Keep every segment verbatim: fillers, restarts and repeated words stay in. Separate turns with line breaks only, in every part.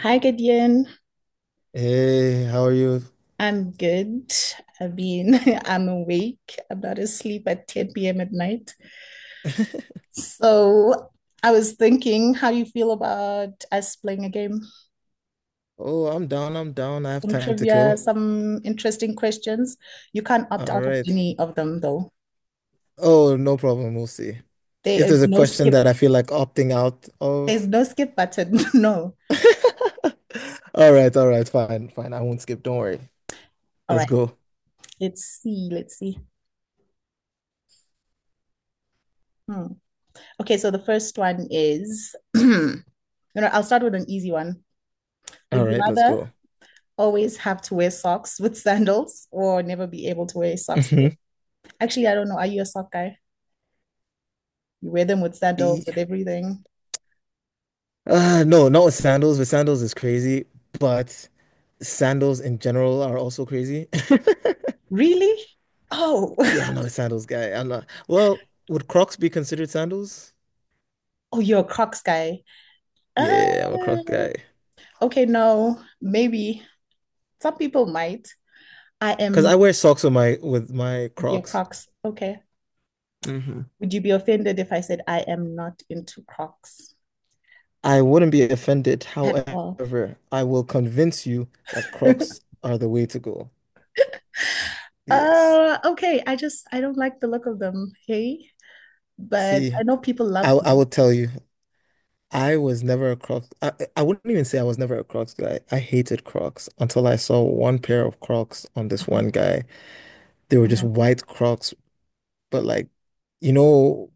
Hi, Gideon.
Hey, how are you?
I'm good. I mean, I'm awake. I'm not asleep at ten p m at night. So I was thinking, how do you feel about us playing a game?
Oh, I'm down. I'm down. I have
Some
time to
trivia,
kill.
some interesting questions. You can't opt
All
out of
right.
any of them, though.
Oh, no problem. We'll see.
There
If there's
is
a
no
question
skip.
that I feel like opting out of.
There's no skip button. No.
All right. All right. Fine. Fine. I won't skip. Don't worry.
All
Let's
right.
go.
Let's see. Let's see. Hmm. Okay, so the first one is, you know, I'll start with an easy one.
All
Would you
right. Let's
rather
go.
always have to wear socks with sandals or never be able to wear socks.
Mhm.
Actually, I don't know. Are you a sock guy? You wear them with sandals,
E-
with everything.
Uh, no, not with sandals, but sandals is crazy. But sandals in general are also crazy.
Really? Oh,
Yeah, I'm not a sandals guy. I'm not. Well, would Crocs be considered sandals?
oh, you're a Crocs guy.
Yeah, I'm a Croc guy.
Uh, okay, no, maybe. Some people might. I
Because I
am
wear socks with my with my
your
Crocs.
Crocs. Okay.
Hmm.
Would you be offended if I said I am not into Crocs
I wouldn't be offended.
at all?
However, I will convince you that Crocs are the way to go. Yes.
Uh, okay, I just I don't like the look of them, hey, but
See,
I know people love
I I
them.
will tell you, I was never a Crocs. I, I wouldn't even say I was never a Crocs guy. I hated Crocs until I saw one pair of Crocs on this
Mhm,
one guy. They were just
mhm.
white Crocs, but like, you know,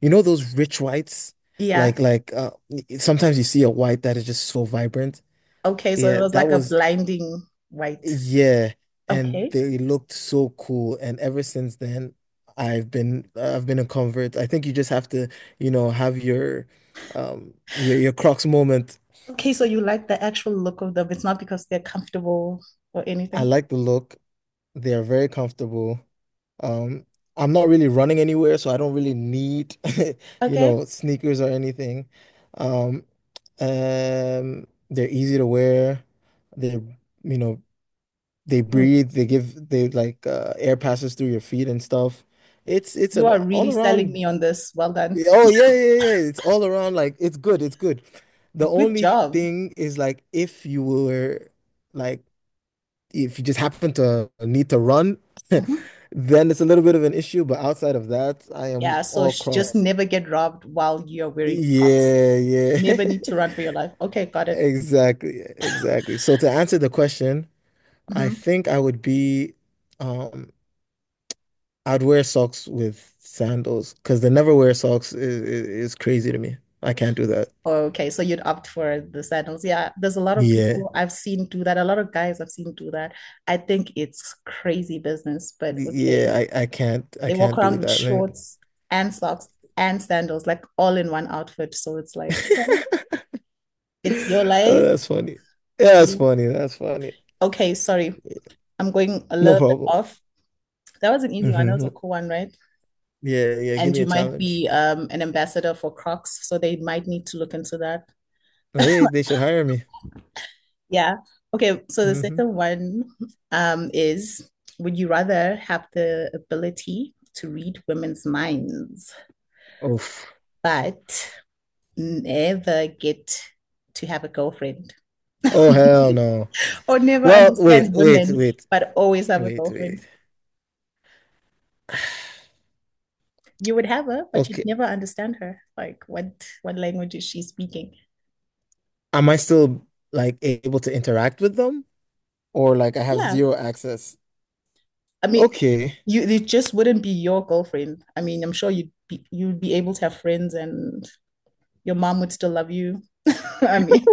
you know those rich whites?
Yeah.
Like like uh sometimes you see a white that is just so vibrant.
Okay. So it
Yeah,
was
that
like a
was
blinding white.
Yeah, and
Okay.
they looked so cool. And ever since then, I've been I've been a convert. I think you just have to, you know, have your um your your Crocs moment.
Okay. So you like the actual look of them. It's not because they're comfortable or
I
anything.
like the look. They are very comfortable. Um, I'm not really running anywhere, so I don't really need, you
Okay.
know, sneakers or anything. Um, um, they're easy to wear. They're, you know, They
Mm.
breathe, they give they like uh, air passes through your feet and stuff. It's it's
You
an
are
all
really selling
around.
me on this. Well done.
Oh, yeah, yeah, yeah. Yeah, it's all around, like, it's good, it's good. The
Good
only
job.
thing is, like, if you were like if you just happen to need to run,
Mhm.
then it's a little bit of an issue, but outside of that, I am
Yeah. So
all
sh- just
Crocs.
never get robbed while you're wearing Crocs.
Yeah, yeah.
Never need to run for your life. Okay. Got it.
Exactly, exactly. So to answer the question, I
Mhm.
think I would be um I'd wear socks with sandals because they never wear socks is, is, is crazy to me. I can't do that.
Okay. So you'd opt for the sandals. Yeah. There's a lot of
Yeah.
people I've seen do that. A lot of guys I've seen do that. I think it's crazy business, but okay.
Yeah, I, I can't I
They walk
can't do
around with
that. Like,
shorts and socks and sandals, like all in one outfit. So it's like, okay, it's your
Oh,
life.
that's funny. Yeah, that's
Yeah.
funny. That's funny.
Okay, sorry, I'm going a
No
little bit
problem.
off. That was an easy one. That was
Hmm.
a cool one, right?
Yeah, yeah. Give
And
me
you
a
might
challenge.
be um, an ambassador for Crocs, so they might need to look into that.
Hey, they should hire me.
Yeah. Okay, so the
Hmm.
second one um, is would you rather have the ability to read women's minds,
Oof.
but never get to have a girlfriend?
Oh, hell no.
Or never
Well, wait,
understand
wait,
women,
wait,
but always have a
wait, wait.
girlfriend. You would have her, but you'd
Okay.
never understand her. Like what what language is she speaking?
Am I still, like, able to interact with them? Or, like, I have
Yeah.
zero access?
I mean,
Okay.
you it just wouldn't be your girlfriend. I mean, I'm sure you'd be you'd be able to have friends and your mom would still love you. I mean,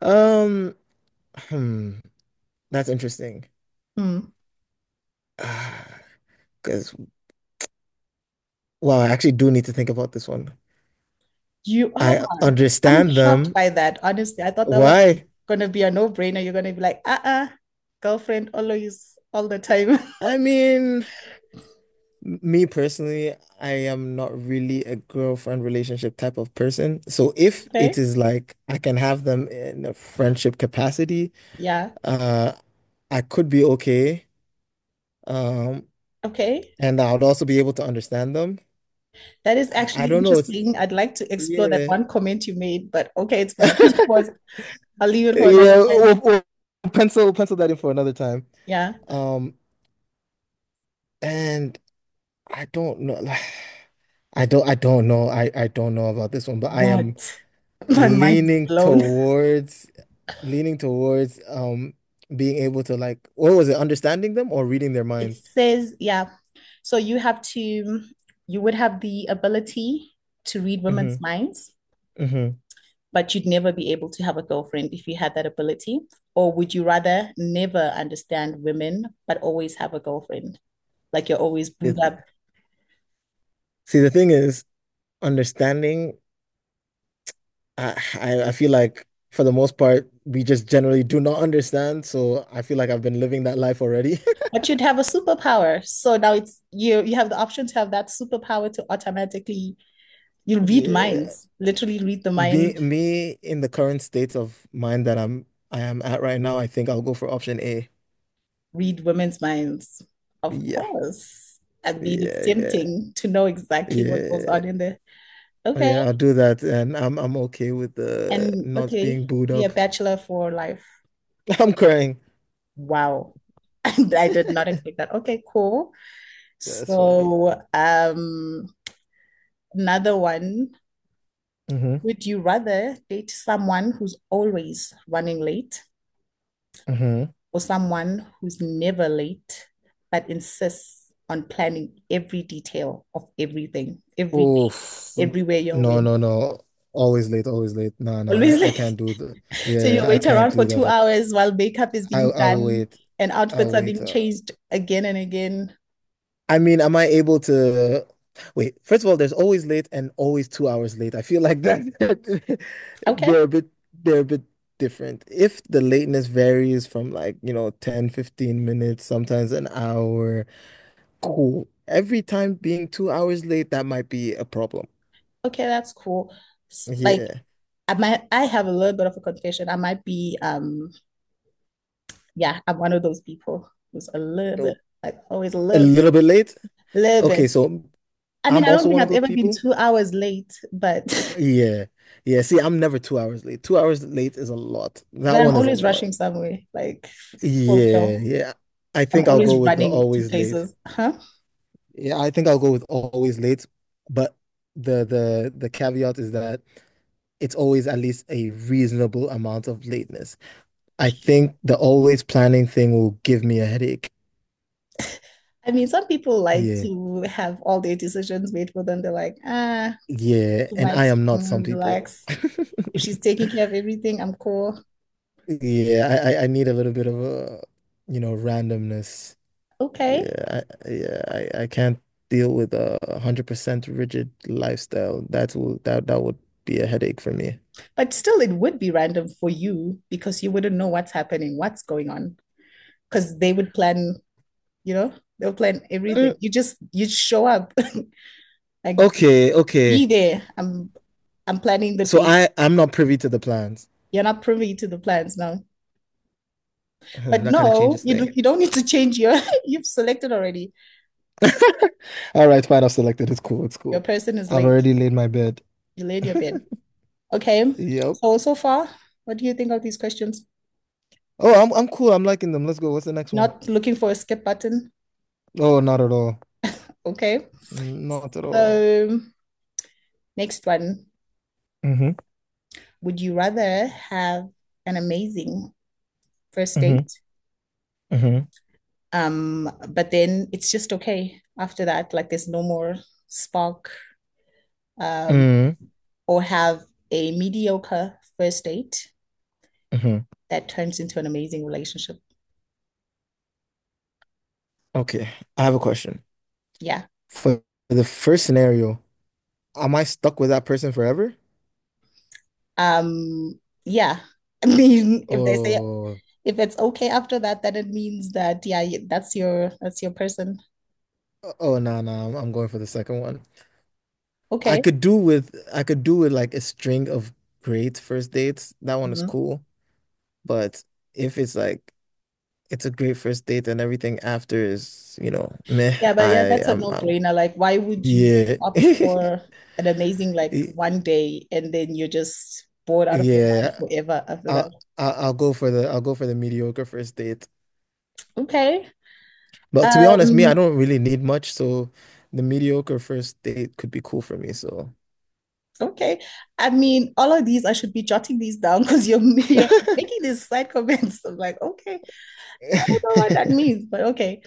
Um, hmm, that's interesting.
hmm.
Because, wow, I actually do need to think about this one.
you are.
I
Oh, I'm
understand
shocked
them.
by that. Honestly, I thought that was
Why?
gonna be a no-brainer. You're gonna be like, uh-uh, girlfriend always all the time.
I mean, m- me personally, I am not really a girlfriend relationship type of person. So if
okay.
it is like I can have them in a friendship capacity,
Yeah.
uh, I could be okay. Um,
Okay.
and I would also be able to understand them.
That is
I, I
actually
don't know. It's,
interesting. I'd like to explore that
yeah.
one comment you made, but okay, it's fine. It was, I'll leave it
Yeah,
for another time.
we'll, we'll pencil pencil that in for another time.
Yeah.
Um, and I don't know, like, I don't, I don't know, I, I don't know about this one, but I am
What? My mind is
leaning
blown.
towards, leaning towards, um, being able to, like, what was it, understanding them or reading their
It
minds?
says, yeah. So you have to, you would have the ability to read
Hmm.
women's minds,
Hmm.
but you'd never be able to have a girlfriend if you had that ability. Or would you rather never understand women, but always have a girlfriend? Like you're always booed up.
See, the thing is, understanding, I, I, I feel like for the most part, we just generally do not understand, so I feel like I've been living that life already.
But you'd have a superpower. So now it's you you have the option to have that superpower to automatically you read
Yeah.
minds, literally read the
Me,
mind,
me in the current state of mind that I'm I am at right now, I think I'll go for option A.
read women's minds. Of
Yeah,
course. I mean, it's
yeah, yeah,
tempting to know exactly what goes
yeah,
on in there. Okay.
yeah. I'll do that, and I'm I'm okay with the
And
not being
okay,
booed
be a
up.
bachelor for life.
I'm crying.
Wow. I did not expect that. Okay, cool.
That's funny.
So, um, another one.
Hmm.
Would you rather date someone who's always running late
Hmm.
or someone who's never late but insists on planning every detail of everything, every day,
Oof.
everywhere you're
No, no,
in.
no. Always late, always late. No, no.
Always
I, I
late.
can't do the.
So you
Yeah, I
wait
can't
around for
do
two
that.
hours while makeup is
I
being
I'll
done
wait.
and outfits
I'll
are
wait.
being
uh,
changed again and again.
I mean, am I able to wait? First of all, there's always late and always two hours late. I feel like that
Okay,
they're a bit they're a bit different. If the lateness varies from, like, you know, ten, fifteen minutes, sometimes an hour, cool. Every time being two hours late, that might be a problem.
okay, that's cool. Like
Yeah.
I might I have a little bit of a confession. I might be um yeah, I'm one of those people who's a little bit
So
like always a
a
little
little bit
bit,
late.
little
Okay,
bit.
so
I mean,
I'm
I don't
also
think
one of
I've
those
ever been
people.
two hours late, but
Yeah. Yeah. See, I'm never two hours late. Two hours late is a lot. That
Then I'm
one is a
always
lot.
rushing somewhere, like for
Yeah,
real.
yeah. I
I'm
think I'll go
always
with the
running to
always late.
places. Huh?
Yeah, I think I'll go with always late, but the the the caveat is that it's always at least a reasonable amount of lateness. I think the always planning thing will give me a headache.
I mean, some people like
Yeah.
to have all their decisions made for them. They're like, ah,
Yeah,
too
and I
much,
am not
I'm gonna
some people.
relax. If she's taking care of everything, I'm cool.
Yeah, I I I need a little bit of a, you know, randomness.
Okay.
Yeah, I, yeah, I, I can't deal with a one hundred percent rigid lifestyle. That will that that would be a headache for me.
But still, it would be random for you because you wouldn't know what's happening, what's going on, because they would plan, you know, they'll plan
Mm,
everything. You just, you show up, like,
okay,
be
okay.
there. I'm, I'm planning the
So
date.
I I'm not privy to the plans.
You're not privy to the plans now. But
Hmm, that kind of
no,
changes
you
thing.
don't- you don't need to change your you've selected already.
All right, fine. I've selected. It's cool. It's
Your
cool.
person is
I've
late.
already laid my bed.
You laid your bid. Okay.
Yep.
So so far, what do you think of these questions?
Oh, I'm I'm cool. I'm liking them. Let's go. What's the next one?
Not looking for a skip button.
Oh, not at all.
Okay.
Not at all.
So next one.
Mm-hmm.
Would you rather have an amazing first
Mm-hmm.
date?
Mm-hmm.
Um, but then it's just okay after that, like there's no more spark, um,
Mm-hmm.
or have a mediocre first date
Mm-hmm.
that turns into an amazing relationship.
Okay. I have a question.
Yeah.
For the first scenario. Am I stuck with that person forever?
Um, yeah. I mean, if they say
Oh,
if it's okay after that, then it means that yeah, y- that's your that's your person.
oh no, no, I'm, I'm going for the second one. I
Okay.
could do with I could do with, like, a string of great first dates. That one is
Mhm.
cool. But if it's like it's a great first date and everything after is, you know, meh,
Yeah, but yeah,
I
that's a
I'm, I'm
no-brainer. Like, why would you
yeah.
opt for an amazing like
Y-
one day and then you're just bored out of your mind
Yeah.
forever after that?
I'll, I'll I'll go for the I'll go for the mediocre first date.
Okay.
But to be honest, me, I
Um,
don't really need much, so the mediocre first date could be cool for me, so.
okay. I mean, all of these, I should be jotting these down because you're you're making these side comments. I'm like, okay, I don't know what that means, but okay.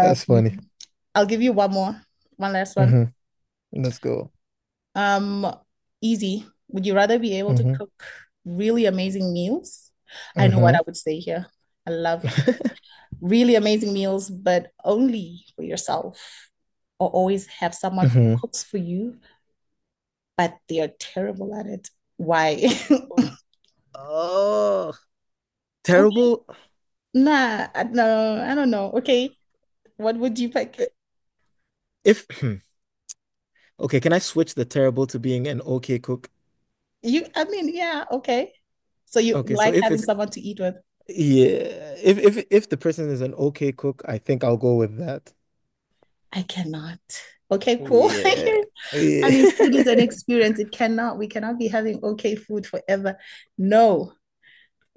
That's funny.
I'll give you one more, one last one.
Hmm. Let's go.
Um, easy. Would you rather be able to
Hmm.
cook really amazing meals? I know what
Hmm.
I would say here. I love cook- really amazing meals, but only for yourself, or always have someone who
Hmm.
cooks for you, but they are terrible at it. Why?
Oh,
Okay.
terrible.
Nah, I- no, I don't know. Okay, what would you pick?
I- If okay, can I switch the terrible to being an okay cook?
You, I mean, yeah, okay. So you
Okay, so
like
if
having
it's
someone to eat with?
yeah, if if if the person is an okay cook, I think I'll go with that.
I cannot. Okay, cool.
Yeah.
I
Yeah.
mean, food is an experience. It cannot, we cannot be having okay food forever. No.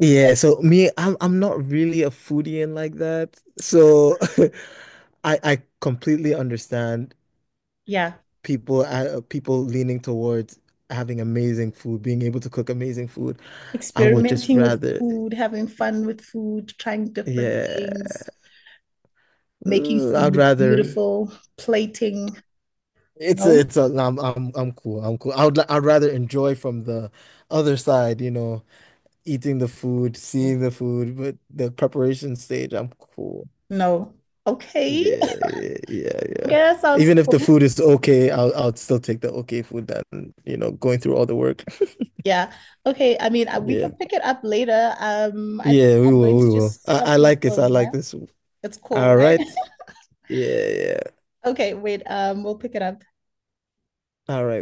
Yeah, so me, I'm I'm not really a foodie and like that. So I I completely understand
Yeah.
people uh, people leaning towards having amazing food, being able to cook amazing food. I would just
Experimenting with
rather,
food, having fun with food, trying different
yeah,
things, making
Ooh,
food
I'd
look
rather.
beautiful, plating.
It's a,
No,
it's a, I'm, I'm, I'm cool. I'm cool. I would, li- I'd rather enjoy from the other side, you know, eating the food, seeing the food, but the preparation stage, I'm cool.
no. Okay.
Yeah, yeah, yeah,
Okay,
yeah.
that sounds
Even if the
cool.
food is okay, I'll, I'll still take the okay food than, you know, going through all the work.
Yeah. Okay. I mean, uh, we can
Yeah.
pick it up later. Um, I think
Yeah, we
I'm going
will,
to
we will.
just
I,
stop
I
here
like
for
this.
a
I like
while.
this.
It's cool,
All
right?
right. Yeah, yeah. Yeah.
Okay, wait. Um, we'll pick it up.
All right.